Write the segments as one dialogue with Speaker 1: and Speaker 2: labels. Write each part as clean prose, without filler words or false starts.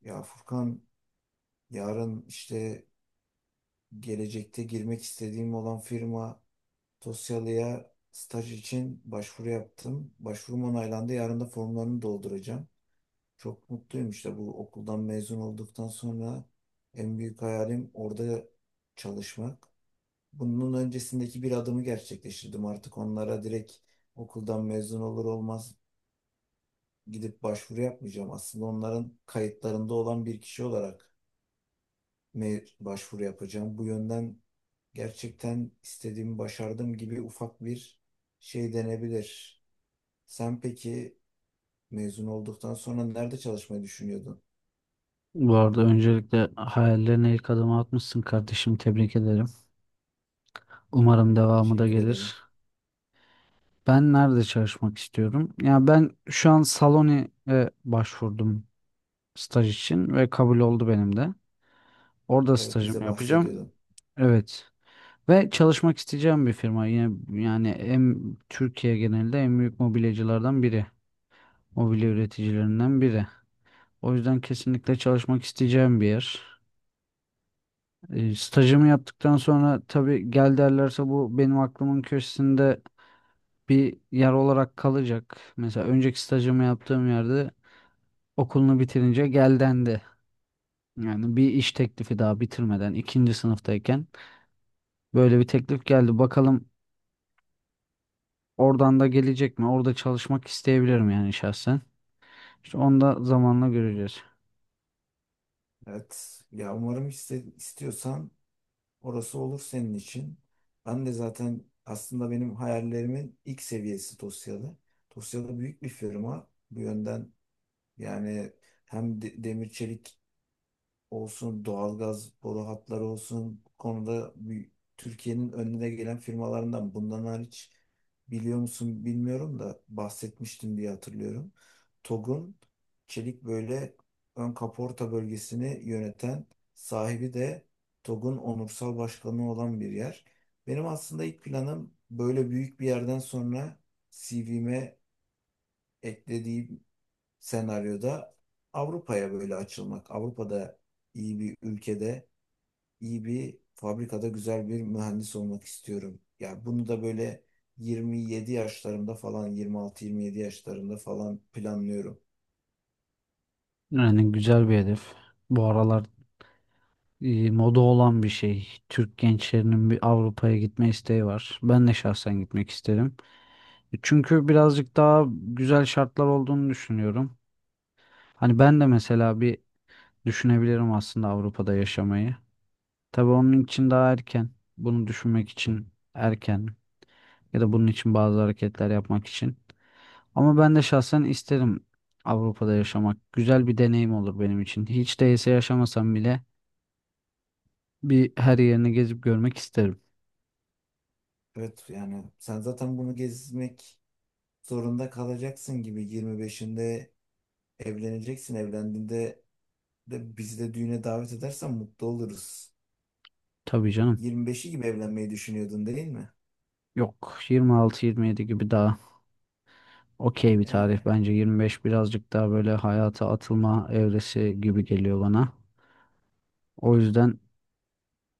Speaker 1: Ya Furkan, yarın işte gelecekte girmek istediğim olan firma Tosyalı'ya staj için başvuru yaptım. Başvurum onaylandı. Yarın da formlarını dolduracağım. Çok mutluyum, işte bu okuldan mezun olduktan sonra en büyük hayalim orada çalışmak. Bunun öncesindeki bir adımı gerçekleştirdim. Artık onlara direkt okuldan mezun olur olmaz gidip başvuru yapmayacağım. Aslında onların kayıtlarında olan bir kişi olarak mi başvuru yapacağım. Bu yönden gerçekten istediğimi başardım gibi ufak bir şey denebilir. Sen peki, mezun olduktan sonra nerede çalışmayı düşünüyordun?
Speaker 2: Bu arada öncelikle hayallerine ilk adımı atmışsın kardeşim. Tebrik ederim. Umarım devamı da
Speaker 1: Teşekkür ederim.
Speaker 2: gelir. Ben nerede çalışmak istiyorum? Ya ben şu an Saloni'ye başvurdum staj için ve kabul oldu benim de. Orada
Speaker 1: Evet,
Speaker 2: stajımı
Speaker 1: bize
Speaker 2: yapacağım.
Speaker 1: bahsediyordun.
Speaker 2: Evet. Ve çalışmak isteyeceğim bir firma. Yine yani en Türkiye genelinde en büyük mobilyacılardan biri. Mobilya üreticilerinden biri. O yüzden kesinlikle çalışmak isteyeceğim bir yer. Stajımı yaptıktan sonra tabii gel derlerse bu benim aklımın köşesinde bir yer olarak kalacak. Mesela önceki stajımı yaptığım yerde okulunu bitirince gel dendi. Yani bir iş teklifi daha bitirmeden ikinci sınıftayken böyle bir teklif geldi. Bakalım oradan da gelecek mi? Orada çalışmak isteyebilirim yani şahsen. İşte onu da zamanla göreceğiz.
Speaker 1: Evet ya, umarım istiyorsan orası olur senin için. Ben de zaten aslında benim hayallerimin ilk seviyesi Tosyalı. Tosyalı büyük bir firma. Bu yönden yani hem demir çelik olsun, doğalgaz boru hatları olsun bu konuda bir Türkiye'nin önüne gelen firmalarından. Bundan hariç, biliyor musun bilmiyorum da bahsetmiştim diye hatırlıyorum, TOG'un çelik böyle ön kaporta bölgesini yöneten sahibi de TOG'un onursal başkanı olan bir yer. Benim aslında ilk planım böyle büyük bir yerden sonra CV'me eklediğim senaryoda Avrupa'ya böyle açılmak, Avrupa'da iyi bir ülkede, iyi bir fabrikada güzel bir mühendis olmak istiyorum. Yani bunu da böyle 27 yaşlarımda falan, 26-27 yaşlarımda falan planlıyorum.
Speaker 2: Yani güzel bir hedef. Bu aralar moda olan bir şey. Türk gençlerinin bir Avrupa'ya gitme isteği var. Ben de şahsen gitmek isterim. Çünkü birazcık daha güzel şartlar olduğunu düşünüyorum. Hani ben de mesela bir düşünebilirim aslında Avrupa'da yaşamayı. Tabii onun için daha erken. Bunu düşünmek için erken ya da bunun için bazı hareketler yapmak için. Ama ben de şahsen isterim Avrupa'da yaşamak. Güzel bir deneyim olur benim için. Hiç değilse yaşamasam bile bir her yerini gezip görmek isterim.
Speaker 1: Evet yani sen zaten bunu gezmek zorunda kalacaksın gibi, 25'inde evleneceksin. Evlendiğinde de bizi de düğüne davet edersen mutlu oluruz.
Speaker 2: Tabii canım.
Speaker 1: 25'i gibi evlenmeyi düşünüyordun değil mi?
Speaker 2: Yok 26-27 gibi daha. Okey bir tarih
Speaker 1: Yani
Speaker 2: bence 25 birazcık daha böyle hayata atılma evresi gibi geliyor bana. O yüzden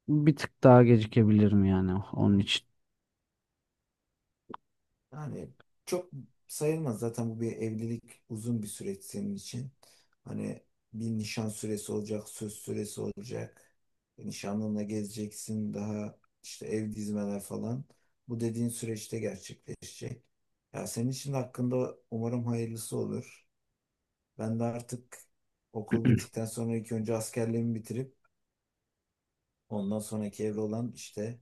Speaker 2: bir tık daha gecikebilirim yani onun için.
Speaker 1: Yani çok sayılmaz zaten, bu bir evlilik, uzun bir süreç senin için. Hani bir nişan süresi olacak, söz süresi olacak. Nişanlınla gezeceksin, daha işte ev dizmeler falan. Bu dediğin süreçte gerçekleşecek. Ya senin için de hakkında umarım hayırlısı olur. Ben de artık okul bittikten sonra ilk önce askerliğimi bitirip ondan sonraki evre olan işte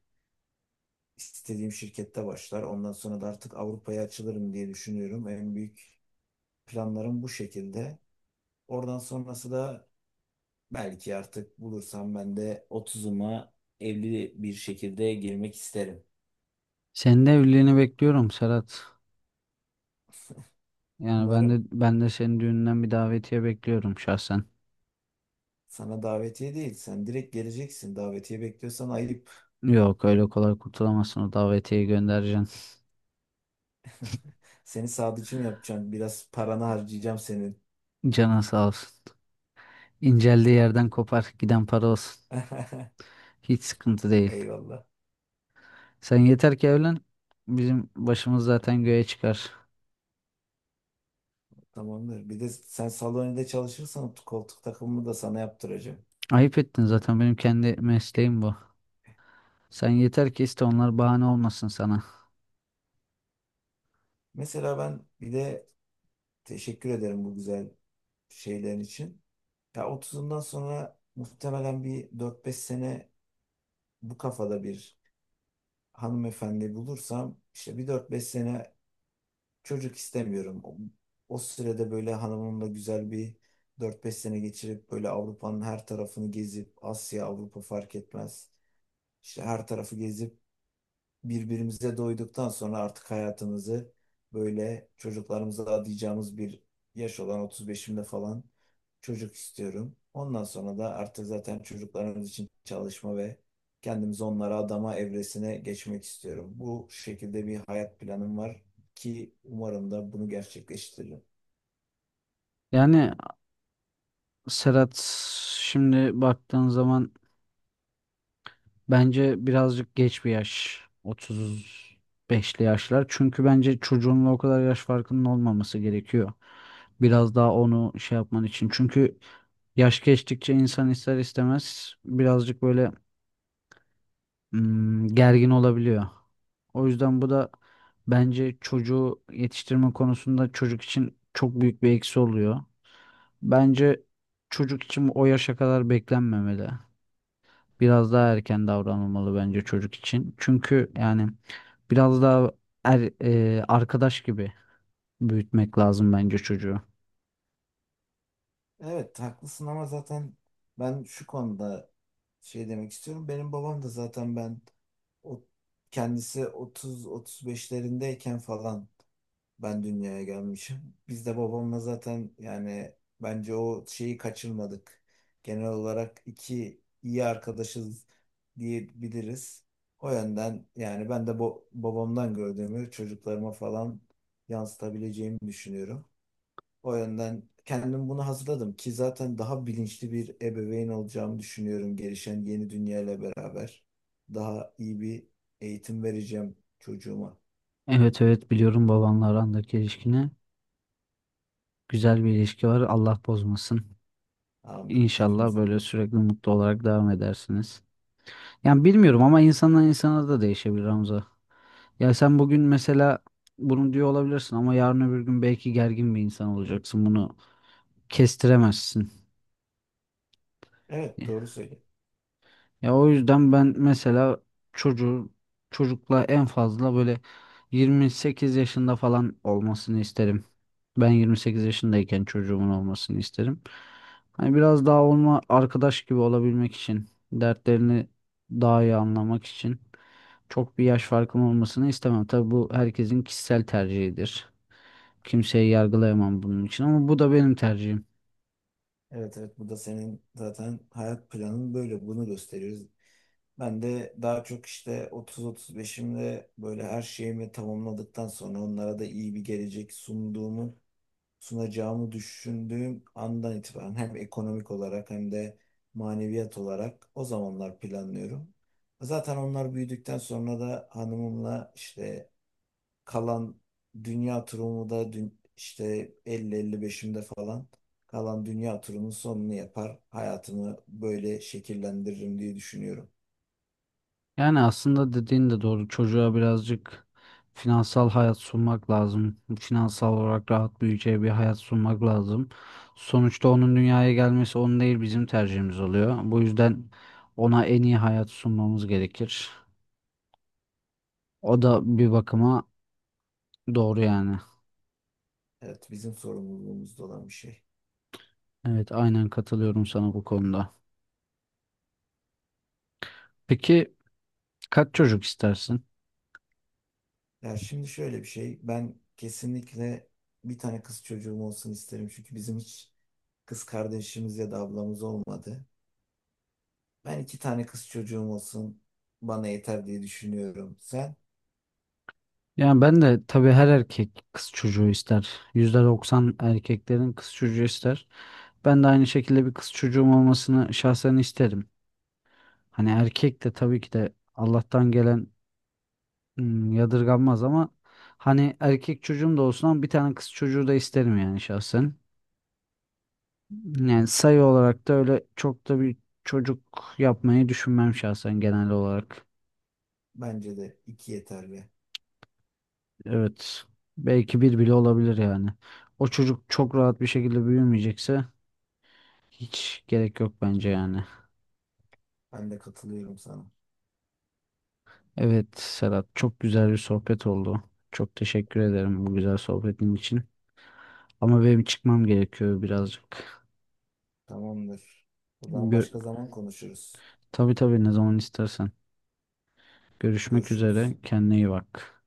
Speaker 1: istediğim şirkette başlar. Ondan sonra da artık Avrupa'ya açılırım diye düşünüyorum. En büyük planlarım bu şekilde. Oradan sonrası da belki artık bulursam ben de 30'uma evli bir şekilde girmek isterim.
Speaker 2: Senin de evliliğini bekliyorum Serhat. Yani ben de
Speaker 1: Umarım.
Speaker 2: ben de senin düğününden bir davetiye bekliyorum şahsen.
Speaker 1: Sana davetiye değil. Sen direkt geleceksin. Davetiye bekliyorsan ayıp.
Speaker 2: Yok öyle kolay kurtulamazsın o davetiyeyi göndereceksin.
Speaker 1: Seni sadıcı mı yapacağım? Biraz paranı harcayacağım senin.
Speaker 2: Canın sağ olsun. İnceldiği yerden kopar giden para olsun. Hiç sıkıntı değil.
Speaker 1: Eyvallah.
Speaker 2: Sen yeter ki evlen. Bizim başımız zaten göğe çıkar.
Speaker 1: Tamamdır. Bir de sen salonide çalışırsan koltuk takımımı da sana yaptıracağım.
Speaker 2: Ayıp ettin zaten benim kendi mesleğim bu. Sen yeter ki iste, onlar bahane olmasın sana.
Speaker 1: Mesela ben bir de teşekkür ederim bu güzel şeylerin için. Ya otuzundan sonra muhtemelen bir dört beş sene bu kafada bir hanımefendi bulursam, işte bir dört beş sene çocuk istemiyorum. O sürede böyle hanımımla güzel bir dört beş sene geçirip böyle Avrupa'nın her tarafını gezip, Asya, Avrupa fark etmez. İşte her tarafı gezip birbirimize doyduktan sonra artık hayatımızı böyle çocuklarımıza adayacağımız bir yaş olan 35'imde falan çocuk istiyorum. Ondan sonra da artık zaten çocuklarımız için çalışma ve kendimizi onlara adama evresine geçmek istiyorum. Bu şekilde bir hayat planım var ki umarım da bunu gerçekleştiririm.
Speaker 2: Yani Serhat, şimdi baktığın zaman bence birazcık geç bir yaş. 35'li yaşlar. Çünkü bence çocuğunla o kadar yaş farkının olmaması gerekiyor. Biraz daha onu şey yapman için. Çünkü yaş geçtikçe insan ister istemez birazcık böyle gergin olabiliyor. O yüzden bu da bence çocuğu yetiştirme konusunda çocuk için çok büyük bir eksi oluyor. Bence çocuk için o yaşa kadar beklenmemeli. Biraz daha erken davranılmalı bence çocuk için. Çünkü yani biraz daha arkadaş gibi büyütmek lazım bence çocuğu.
Speaker 1: Evet haklısın ama zaten ben şu konuda şey demek istiyorum. Benim babam da zaten ben, o kendisi 30-35'lerindeyken falan ben dünyaya gelmişim. Biz de babamla zaten yani bence o şeyi kaçırmadık. Genel olarak iki iyi arkadaşız diyebiliriz. O yönden yani ben de bu babamdan gördüğümü çocuklarıma falan yansıtabileceğimi düşünüyorum. O yönden kendim bunu hazırladım ki zaten daha bilinçli bir ebeveyn olacağımı düşünüyorum gelişen yeni dünyayla beraber. Daha iyi bir eğitim vereceğim çocuğuma.
Speaker 2: Evet, evet, biliyorum babanla arandaki ilişkini. Güzel bir ilişki var. Allah bozmasın.
Speaker 1: Amin.
Speaker 2: İnşallah
Speaker 1: Hepimiz.
Speaker 2: böyle sürekli mutlu olarak devam edersiniz. Yani bilmiyorum ama insandan insana da değişebilir Hamza. Ya sen bugün mesela bunu diyor olabilirsin ama yarın öbür gün belki gergin bir insan olacaksın. Bunu kestiremezsin.
Speaker 1: Evet doğru söylüyorsun.
Speaker 2: Ya o yüzden ben mesela çocuğu çocukla en fazla böyle 28 yaşında falan olmasını isterim. Ben 28 yaşındayken çocuğumun olmasını isterim. Hani biraz daha onunla arkadaş gibi olabilmek için, dertlerini daha iyi anlamak için çok bir yaş farkım olmasını istemem. Tabii bu herkesin kişisel tercihidir. Kimseyi yargılayamam bunun için ama bu da benim tercihim.
Speaker 1: Evet evet, bu da senin zaten hayat planın, böyle bunu gösteriyoruz. Ben de daha çok işte 30-35'imde böyle her şeyimi tamamladıktan sonra, onlara da iyi bir gelecek sunduğumu sunacağımı düşündüğüm andan itibaren, hem ekonomik olarak hem de maneviyat olarak, o zamanlar planlıyorum. Zaten onlar büyüdükten sonra da hanımımla işte kalan dünya turumu da dün, işte 50-55'imde falan kalan dünya turunun sonunu yapar. Hayatımı böyle şekillendiririm diye düşünüyorum.
Speaker 2: Yani aslında dediğin de doğru. Çocuğa birazcık finansal hayat sunmak lazım. Finansal olarak rahat büyüyeceği bir hayat sunmak lazım. Sonuçta onun dünyaya gelmesi onun değil bizim tercihimiz oluyor. Bu yüzden ona en iyi hayat sunmamız gerekir. O da bir bakıma doğru yani.
Speaker 1: Evet bizim sorumluluğumuzda olan bir şey.
Speaker 2: Evet, aynen katılıyorum sana bu konuda. Peki, kaç çocuk istersin?
Speaker 1: Ya şimdi şöyle bir şey, ben kesinlikle bir tane kız çocuğum olsun isterim çünkü bizim hiç kız kardeşimiz ya da ablamız olmadı. Ben iki tane kız çocuğum olsun bana yeter diye düşünüyorum. Sen?
Speaker 2: Yani ben de tabii her erkek kız çocuğu ister. %90 erkeklerin kız çocuğu ister. Ben de aynı şekilde bir kız çocuğum olmasını şahsen isterim. Hani erkek de tabii ki de Allah'tan gelen yadırganmaz ama hani erkek çocuğum da olsun ama bir tane kız çocuğu da isterim yani şahsen. Yani sayı
Speaker 1: Ya,
Speaker 2: olarak da öyle çok da bir çocuk yapmayı düşünmem şahsen genel olarak.
Speaker 1: bence de iki yeterli.
Speaker 2: Evet. Belki bir bile olabilir yani. O çocuk çok rahat bir şekilde büyümeyecekse hiç gerek yok bence yani.
Speaker 1: Ben de katılıyorum sana.
Speaker 2: Evet Serhat, çok güzel bir sohbet oldu. Çok teşekkür ederim bu güzel sohbetin için. Ama benim çıkmam gerekiyor birazcık.
Speaker 1: Tamamdır. O zaman
Speaker 2: Gör-
Speaker 1: başka zaman konuşuruz.
Speaker 2: tabii tabii ne zaman istersen. Görüşmek üzere.
Speaker 1: Görüşürüz.
Speaker 2: Kendine iyi bak.